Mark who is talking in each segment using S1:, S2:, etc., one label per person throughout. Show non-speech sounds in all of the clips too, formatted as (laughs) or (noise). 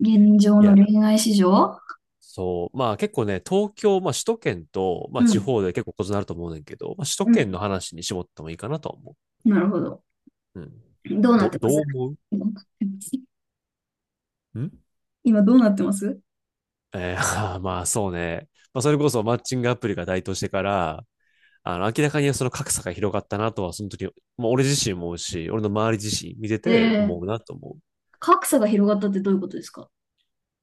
S1: 現状
S2: い
S1: の
S2: や、
S1: 恋愛市場。
S2: そう。まあ結構ね、東京、まあ首都圏と、まあ
S1: う
S2: 地
S1: ん、
S2: 方で結構異なると思うねんけど、まあ首都
S1: うん。
S2: 圏の話に絞ってもいいかなとは思
S1: なるほど。
S2: う。うん。
S1: どうなってま
S2: ど
S1: す？
S2: う思
S1: どうなってます？ (laughs)
S2: うん
S1: 今どうなってます？
S2: (laughs) まあそうね。まあそれこそマッチングアプリが台頭してから、明らかにその格差が広がったなとは、その時、まあ俺自身も思うし、俺の周り自身見てて
S1: え？
S2: 思う
S1: え？
S2: なと思う。
S1: 格差が広がったってどういうことですか？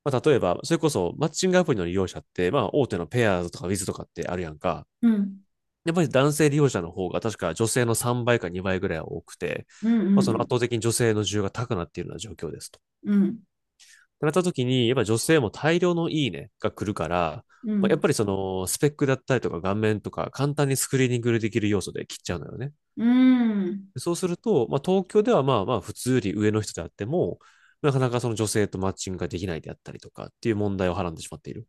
S2: まあ例えば、それこそマッチングアプリの利用者って、まあ大手のペアーズとかウィズとかってあるやんか。
S1: うん。
S2: やっぱり男性利用者の方が確か女性の3倍か2倍ぐらいは多くて、
S1: うん
S2: まあ、
S1: うん
S2: そ
S1: う
S2: の圧
S1: ん。
S2: 倒的に女性の需要が高くなっているような状況ですと。っ
S1: うん。
S2: てなった時に、やっぱり女性も大量のいいねが来るから、
S1: う
S2: まあ、や
S1: ん。
S2: っぱりそのスペックだったりとか顔面とか簡単にスクリーニングできる要素で切っちゃうのよね。
S1: うん。
S2: そうすると、まあ、東京ではまあまあ普通より上の人であっても、なかなかその女性とマッチングができないであったりとかっていう問題をはらんでしまっている。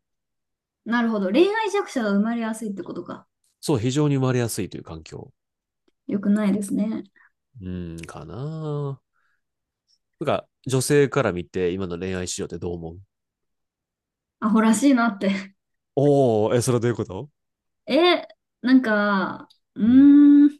S1: なるほど。恋愛弱者が生まれやすいってことか。
S2: そう、非常に生まれやすいという環境。
S1: よくないですね。
S2: うん、かななんか、女性から見て、今の恋愛市場ってどう思う
S1: アホらしいなって。
S2: おー、え、それはどういうこと
S1: (laughs) え、なんか、うー
S2: うん、
S1: ん。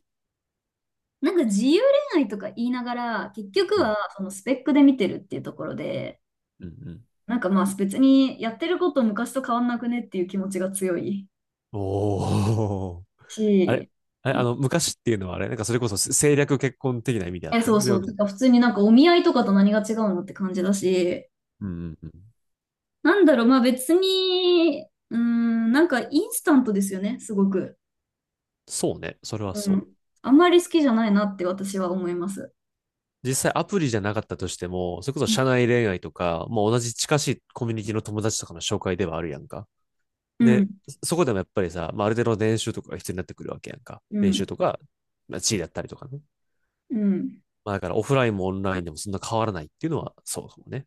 S1: なんか自由恋愛とか言いながら、結局
S2: うん、
S1: はそのスペックで見てるっていうところで、
S2: うん、うん。
S1: なんかまあ別にやってること昔と変わんなくねっていう気持ちが強い
S2: おー。あれ、
S1: し、
S2: あ
S1: う
S2: れ
S1: ん、
S2: 昔っていうのはあれ、なんかそれこそ政略結婚的な意味でやっ
S1: え、
S2: て
S1: そ
S2: る。
S1: う
S2: そういう
S1: そ
S2: わけ
S1: う、
S2: じゃ
S1: て
S2: な
S1: か
S2: い。
S1: 普通になんかお見合いとかと何が違うのって感じだし、
S2: うんうんうん。
S1: なんだろう、まあ別に、なんかインスタントですよね、すごく。
S2: そうね。それは
S1: う
S2: そう。
S1: ん。あんまり好きじゃないなって私は思います。
S2: 実際アプリじゃなかったとしても、それこそ
S1: うん、
S2: 社内恋愛とか、もう同じ近しいコミュニティの友達とかの紹介ではあるやんか。
S1: う
S2: で、
S1: ん、
S2: そこでもやっぱりさ、まあ、ある程度の練習とかが必要になってくるわけやんか。
S1: う
S2: 練習とか、まあ、地位だったりとかね。
S1: ん、
S2: まあだからオフラインもオンラインでもそんな変わらないっていうのはそうかもね。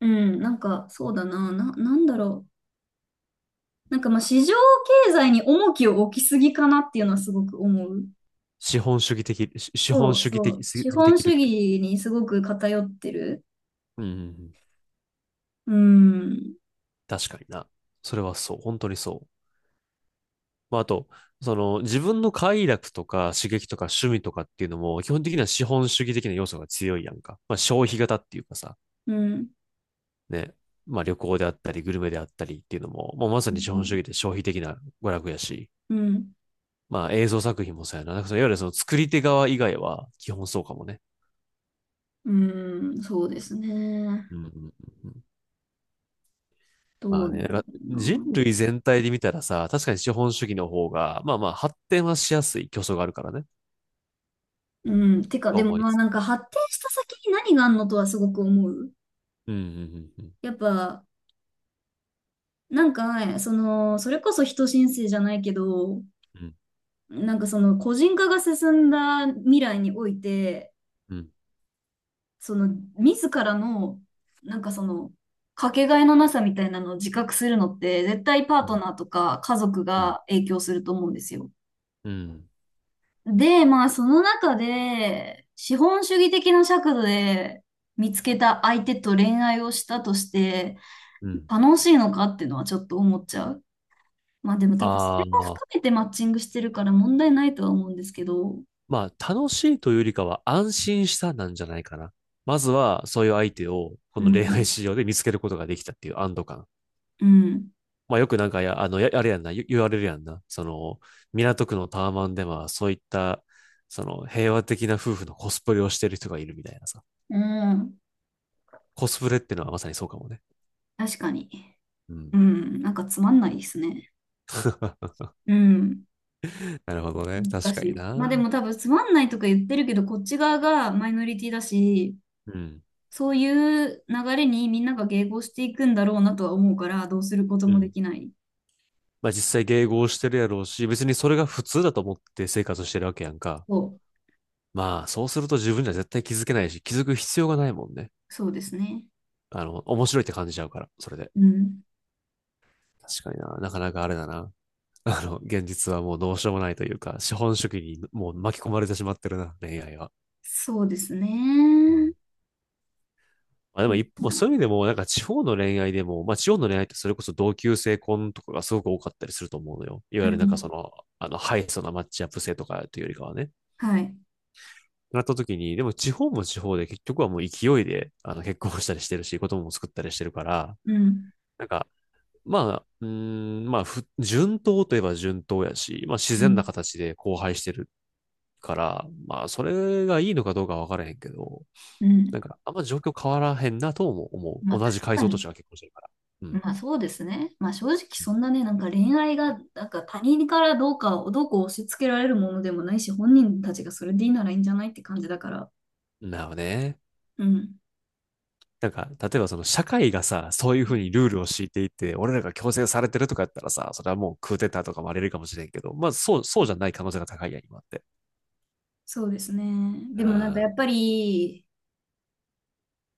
S1: うん、なんかそうだな、なんだろう。なんかまあ市場経済に重きを置きすぎかなっていうのはすごく思う。
S2: 資本主義的、資本
S1: そう
S2: 主義
S1: そ
S2: 的
S1: う。
S2: す
S1: 資
S2: ぎで
S1: 本
S2: きる
S1: 主
S2: ってこと。
S1: 義にすごく偏ってる。
S2: うんうんうん。
S1: うん。
S2: 確かにな。それはそう。本当にそう。まああと、その自分の快楽とか刺激とか趣味とかっていうのも基本的には資本主義的な要素が強いやんか。まあ消費型っていうかさ、
S1: うん。
S2: ね。まあ旅行であったりグルメであったりっていうのも、もうまさ
S1: う
S2: に資本
S1: ん。
S2: 主義で消費的な娯楽やし、
S1: うん。
S2: まあ映像作品もそうやな。なんかそのいわゆるその作り手側以外は基本そうかもね。
S1: うん、そうですね。
S2: うんうんうんうん
S1: どう
S2: ま
S1: な
S2: あ
S1: ん
S2: ね、なんか
S1: だ
S2: 人
S1: ろ
S2: 類全体で見たらさ、確かに資本主義の方が、まあまあ発展はしやすい競争があるからね、
S1: うな。うん。てか、
S2: と
S1: でも
S2: 思い
S1: まあ
S2: つ
S1: な
S2: つ。
S1: んか発展した先に何があんのとはすごく思う。
S2: うん、うん、うん、
S1: やっぱ、なんかね、その、それこそ人新世じゃないけど、
S2: うん、
S1: なんかその個人化が進んだ未来において、
S2: うん、
S1: その、自らの、なんかその、かけがえのなさみたいなのを自覚するのって、絶対パートナーとか家族
S2: うん、
S1: が影響すると思うんですよ。
S2: うん、
S1: で、まあ、その中で、資本主義的な尺度で見つけた相手と恋愛をしたとして、
S2: うん。
S1: 楽しいのかっていうのはちょっと思っちゃう。まあでも多分そ
S2: あ
S1: れも
S2: あ、
S1: 含めてマッチングしてるから問題ないとは思うんですけど、
S2: まあ楽しいというよりかは安心したなんじゃないかな。まずはそういう相手をこ
S1: う
S2: の恋愛
S1: ん、
S2: 市場で見つけることができたっていう安堵感。
S1: うん、
S2: まあよくなんかあれやんな、言われるやんな。その、港区のタワマンではそういった、その平和的な夫婦のコスプレをしてる人がいるみたいなさ。
S1: うん、
S2: コスプレってのはまさにそうかもね。
S1: 確かに。
S2: うん。
S1: うん、なんかつまんないですね。
S2: (laughs)
S1: うん。
S2: なるほどね。
S1: 難
S2: 確か
S1: し
S2: に
S1: い。
S2: な。
S1: まあ
S2: う
S1: でも多分つまんないとか言ってるけど、こっち側がマイノリティだし、
S2: ん。
S1: そういう流れにみんなが迎合していくんだろうなとは思うから、どうすること
S2: う
S1: もで
S2: ん。
S1: きない。
S2: まあ実際迎合してるやろうし、別にそれが普通だと思って生活してるわけやんか。
S1: そ
S2: まあそうすると自分じゃ絶対気づけないし、気づく必要がないもんね。
S1: そうですね。
S2: 面白いって感じちゃうから、それで。
S1: うん。
S2: 確かにな。なかなかあれだな。現実はもうどうしようもないというか、資本主義にもう巻き込まれてしまってるな、恋愛は。
S1: そうです
S2: う
S1: ね。
S2: んまあで
S1: う
S2: も
S1: ん。
S2: 一方、そういう意味でも、なんか地方の恋愛でも、まあ地方の恋愛ってそれこそ同級生婚とかがすごく多かったりすると思うのよ。いわ
S1: う
S2: ゆるなんかそ
S1: ん、
S2: の、ハイソなマッチアップ性とかというよりかはね。
S1: はい。
S2: なった時に、でも地方も地方で結局はもう勢いで、結婚したりしてるし、子供も作ったりしてるから、
S1: うん。
S2: なんか、まあ、まあ、順当といえば順当やし、まあ自
S1: う
S2: 然
S1: ん。
S2: な形で交配してるから、まあそれがいいのかどうかわからへんけど、
S1: う
S2: な
S1: ん。
S2: んかあんま状況変わらへんなとも思
S1: ま
S2: う。
S1: あ
S2: 同
S1: 確
S2: じ階
S1: か
S2: 層とし
S1: に。
S2: ては結婚してるから。う
S1: ま
S2: ん。
S1: あそうですね。まあ正直そんなね、なんか恋愛が、なんか他人からどうかをどうこう押し付けられるものでもないし、本人たちがそれでいいならいいんじゃないって感じだから。
S2: なるほどね。
S1: うん。
S2: なんか、例えばその社会がさ、そういうふうにルールを敷いていて、俺らが強制されてるとかやったらさ、それはもうクーデターとかもあれるかもしれんけど、まあそう、そうじゃない可能性が高いやん、今って。
S1: そうですね。
S2: う
S1: でもなんか
S2: ん。
S1: やっぱり、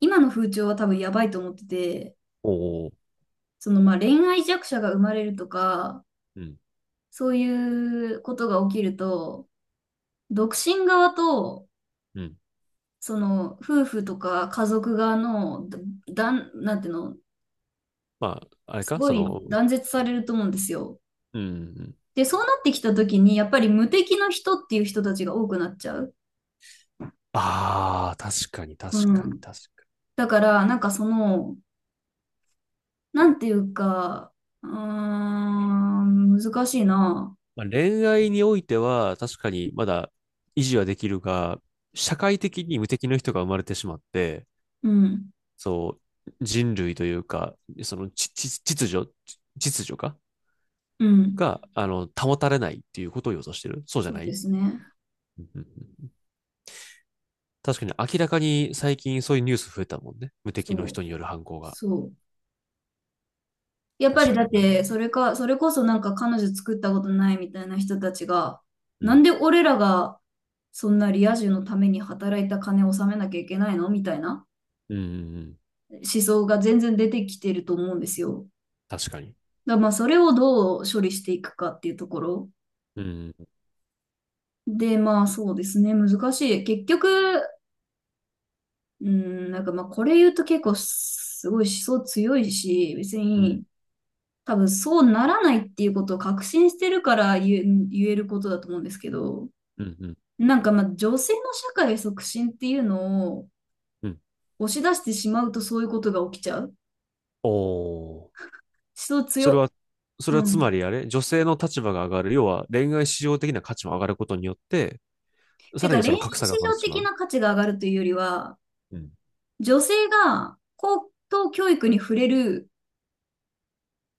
S1: 今の風潮は多分やばいと思ってて、
S2: おお。
S1: そのまあ恋愛弱者が生まれるとか、
S2: うん。
S1: そういうことが起きると、独身側と、
S2: うん。
S1: その夫婦とか家族側の、だ、だんなんていうの、
S2: まあ、あれ
S1: す
S2: か
S1: ご
S2: そ
S1: い
S2: の、
S1: 断絶されると思うんですよ。
S2: うん。
S1: で、そうなってきた時に、やっぱり無敵の人っていう人たちが多くなっちゃう。
S2: ああ確かに、確
S1: う
S2: かに、
S1: ん。
S2: 確かに。
S1: だから、なんかその、なんていうか、うーん、難しいな。
S2: まあ、恋愛においては、確かにまだ維持はできるが、社会的に無敵の人が生まれてしまって、
S1: うん。
S2: そう、人類というか、その秩序、秩序か
S1: うん。
S2: が、保たれないっていうことを予想してるそうじゃ
S1: そう
S2: な
S1: で
S2: い
S1: すね。
S2: (laughs) 確かに明らかに最近そういうニュース増えたもんね。無
S1: そ
S2: 敵の
S1: う。
S2: 人による犯行が。
S1: そう。やっぱ
S2: 確
S1: り
S2: か
S1: だっ
S2: にな。
S1: て、それか、それこそなんか彼女作ったことないみたいな人たちが、
S2: う
S1: なん
S2: ん。
S1: で俺らがそんなリア充のために働いた金を納めなきゃいけないのみたいな
S2: うんうんうん。
S1: 思想が全然出てきてると思うんですよ。
S2: 確かに。
S1: だまあ、それをどう処理していくかっていうところ。
S2: うん。
S1: で、まあ、そうですね。難しい。結局、うん、なんかまあ、これ言うと結構すごい思想強いし、別
S2: うん。
S1: に多分そうならないっていうことを確信してるから言えることだと思うんですけど、
S2: うん。うん。
S1: なんかまあ、女性の社会促進っていうのを
S2: うん
S1: 押し出してしまうとそういうことが起きちゃう。思
S2: おー。
S1: 想
S2: それ
S1: 強。
S2: は、それは
S1: う
S2: つま
S1: ん。
S2: りあれ女性の立場が上がる。要は恋愛市場的な価値も上がることによって、
S1: て
S2: さら
S1: か、
S2: に
S1: 恋
S2: そ
S1: 愛
S2: の格差
S1: 市
S2: が生まれて
S1: 上
S2: しま
S1: 的
S2: う。
S1: な価値が上がるというよりは、
S2: うん。
S1: 女性が高等教育に触れる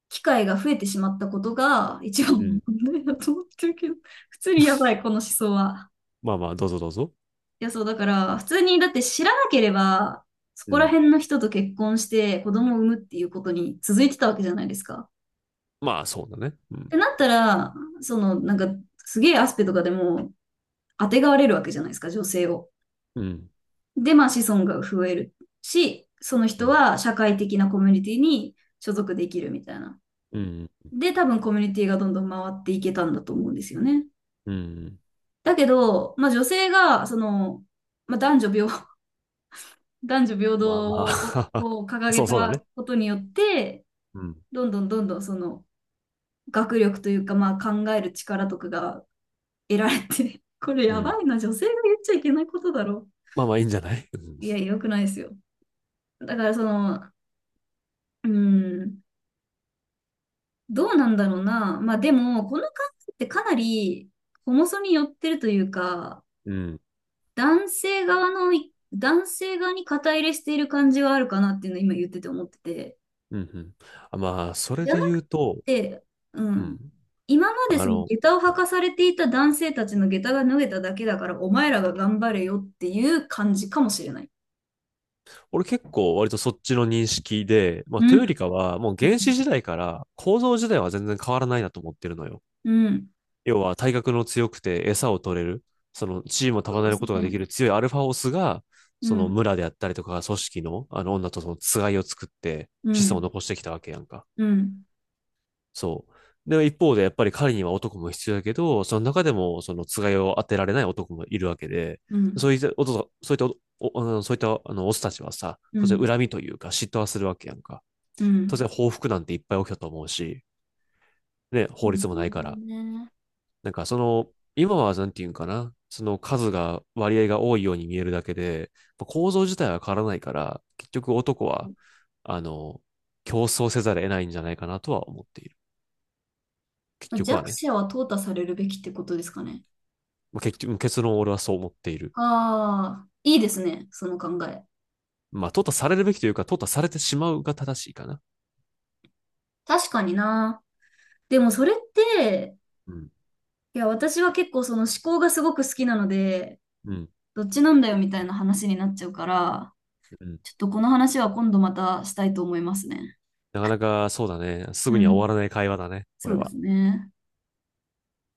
S1: 機会が増えてしまったことが一番の
S2: うん。
S1: 問題だと思ってるけど、普通にやばい、この思想は。
S2: まあまあ、どうぞどうぞ。
S1: いや、そう、だから、普通に、だって知らなければ、そ
S2: う
S1: こら
S2: ん。
S1: 辺の人と結婚して子供を産むっていうことに続いてたわけじゃないですか。っ
S2: まあ、そうだね。う
S1: て
S2: ん。
S1: なったら、その、なんか、すげえアスペとかでも、当てがわれるわけじゃないですか、女性を。
S2: うん。
S1: で、まあ、子孫が増えるし、その
S2: う
S1: 人
S2: ん。
S1: は社会的なコミュニティに所属できるみたいな。
S2: うん。
S1: で、多分コミュニティがどんどん回っていけたんだと思うんですよね。
S2: うん。
S1: だけど、まあ女性が、その、まあ男女平、(laughs) 男女平
S2: まあ
S1: 等
S2: まあ
S1: を掲
S2: (laughs) そ
S1: げ
S2: うそうだね。
S1: たことによって、
S2: うん。
S1: どんどんどんどんその学力というか、まあ考える力とかが得られて、(laughs) これ
S2: う
S1: や
S2: ん。
S1: ばいな、女性が言っちゃいけないことだろ。
S2: まあまあ、いいんじゃないうん。
S1: いや、良くないですよ。だからその、うん、どうなんだろうな。まあでも、この考えってかなり、ホモソに寄ってるというか、
S2: うん。
S1: 男性側に肩入れしている感じはあるかなっていうのを今言ってて思ってて。
S2: うん。うんあまあ、それ
S1: じゃ
S2: で
S1: な
S2: 言
S1: く
S2: うと、
S1: て、う
S2: う
S1: ん。
S2: ん。
S1: 今まで
S2: あ
S1: その
S2: の、
S1: 下駄を履かされていた男性たちの下駄が脱げただけだから、お前らが頑張れよっていう感じかもしれない。
S2: 俺結構割とそっちの認識で、ま
S1: う
S2: あ、というより
S1: ん。
S2: かは、もう
S1: う
S2: 原
S1: ん。
S2: 始時代から構造自体は全然変わらないなと思ってるのよ。
S1: うん、
S2: 要は体格の強くて餌を取れる、その地位も
S1: そ
S2: 束
S1: う
S2: ね
S1: で
S2: る
S1: す
S2: ことがで
S1: ね。
S2: きる強いアルファオスが、そ
S1: う
S2: の
S1: ん。
S2: 村であったりとか組織のあの女とそのつがいを作って
S1: う
S2: 子孫を
S1: ん。
S2: 残してきたわけやんか。
S1: うん。
S2: そう。で、一方でやっぱり狩りには男も必要だけど、その中でもそのつがいを当てられない男もいるわけで、
S1: う
S2: そ
S1: ん。
S2: ういったおと、そういったお、そういったオスたちはさ、
S1: う
S2: 当然
S1: ん。
S2: 恨みというか嫉妬はするわけやんか。
S1: う
S2: 当
S1: ん。
S2: 然報復なんていっぱい起きたと思うし、ね、
S1: う
S2: 法
S1: ん、
S2: 律も
S1: な
S2: ない
S1: る
S2: か
S1: ほど
S2: ら。
S1: ね。
S2: なんかその、今はなんていうんかな、その数が、割合が多いように見えるだけで、まあ構造自体は変わらないから、結局男は、あの、競争せざるを得ないんじゃないかなとは思っている。結
S1: まあ
S2: 局
S1: 弱
S2: はね。
S1: 者は淘汰されるべきってことですかね。
S2: まあ、結局、結論俺はそう思っている。
S1: ああ、いいですね、その考え。
S2: まあ、淘汰されるべきというか、淘汰されてしまうが正しいかな。
S1: 確かにな。でもそれって、
S2: うん。
S1: いや、私は結構その思考がすごく好きなので、
S2: うん。
S1: どっちなんだよみたいな話になっちゃうから、
S2: うん。
S1: ちょっとこの話は今度またしたいと思いますね。
S2: なかなかそうだね。すぐ
S1: う
S2: には
S1: ん。
S2: 終わらない会話だね。こ
S1: そ
S2: れ
S1: うで
S2: は。
S1: すね。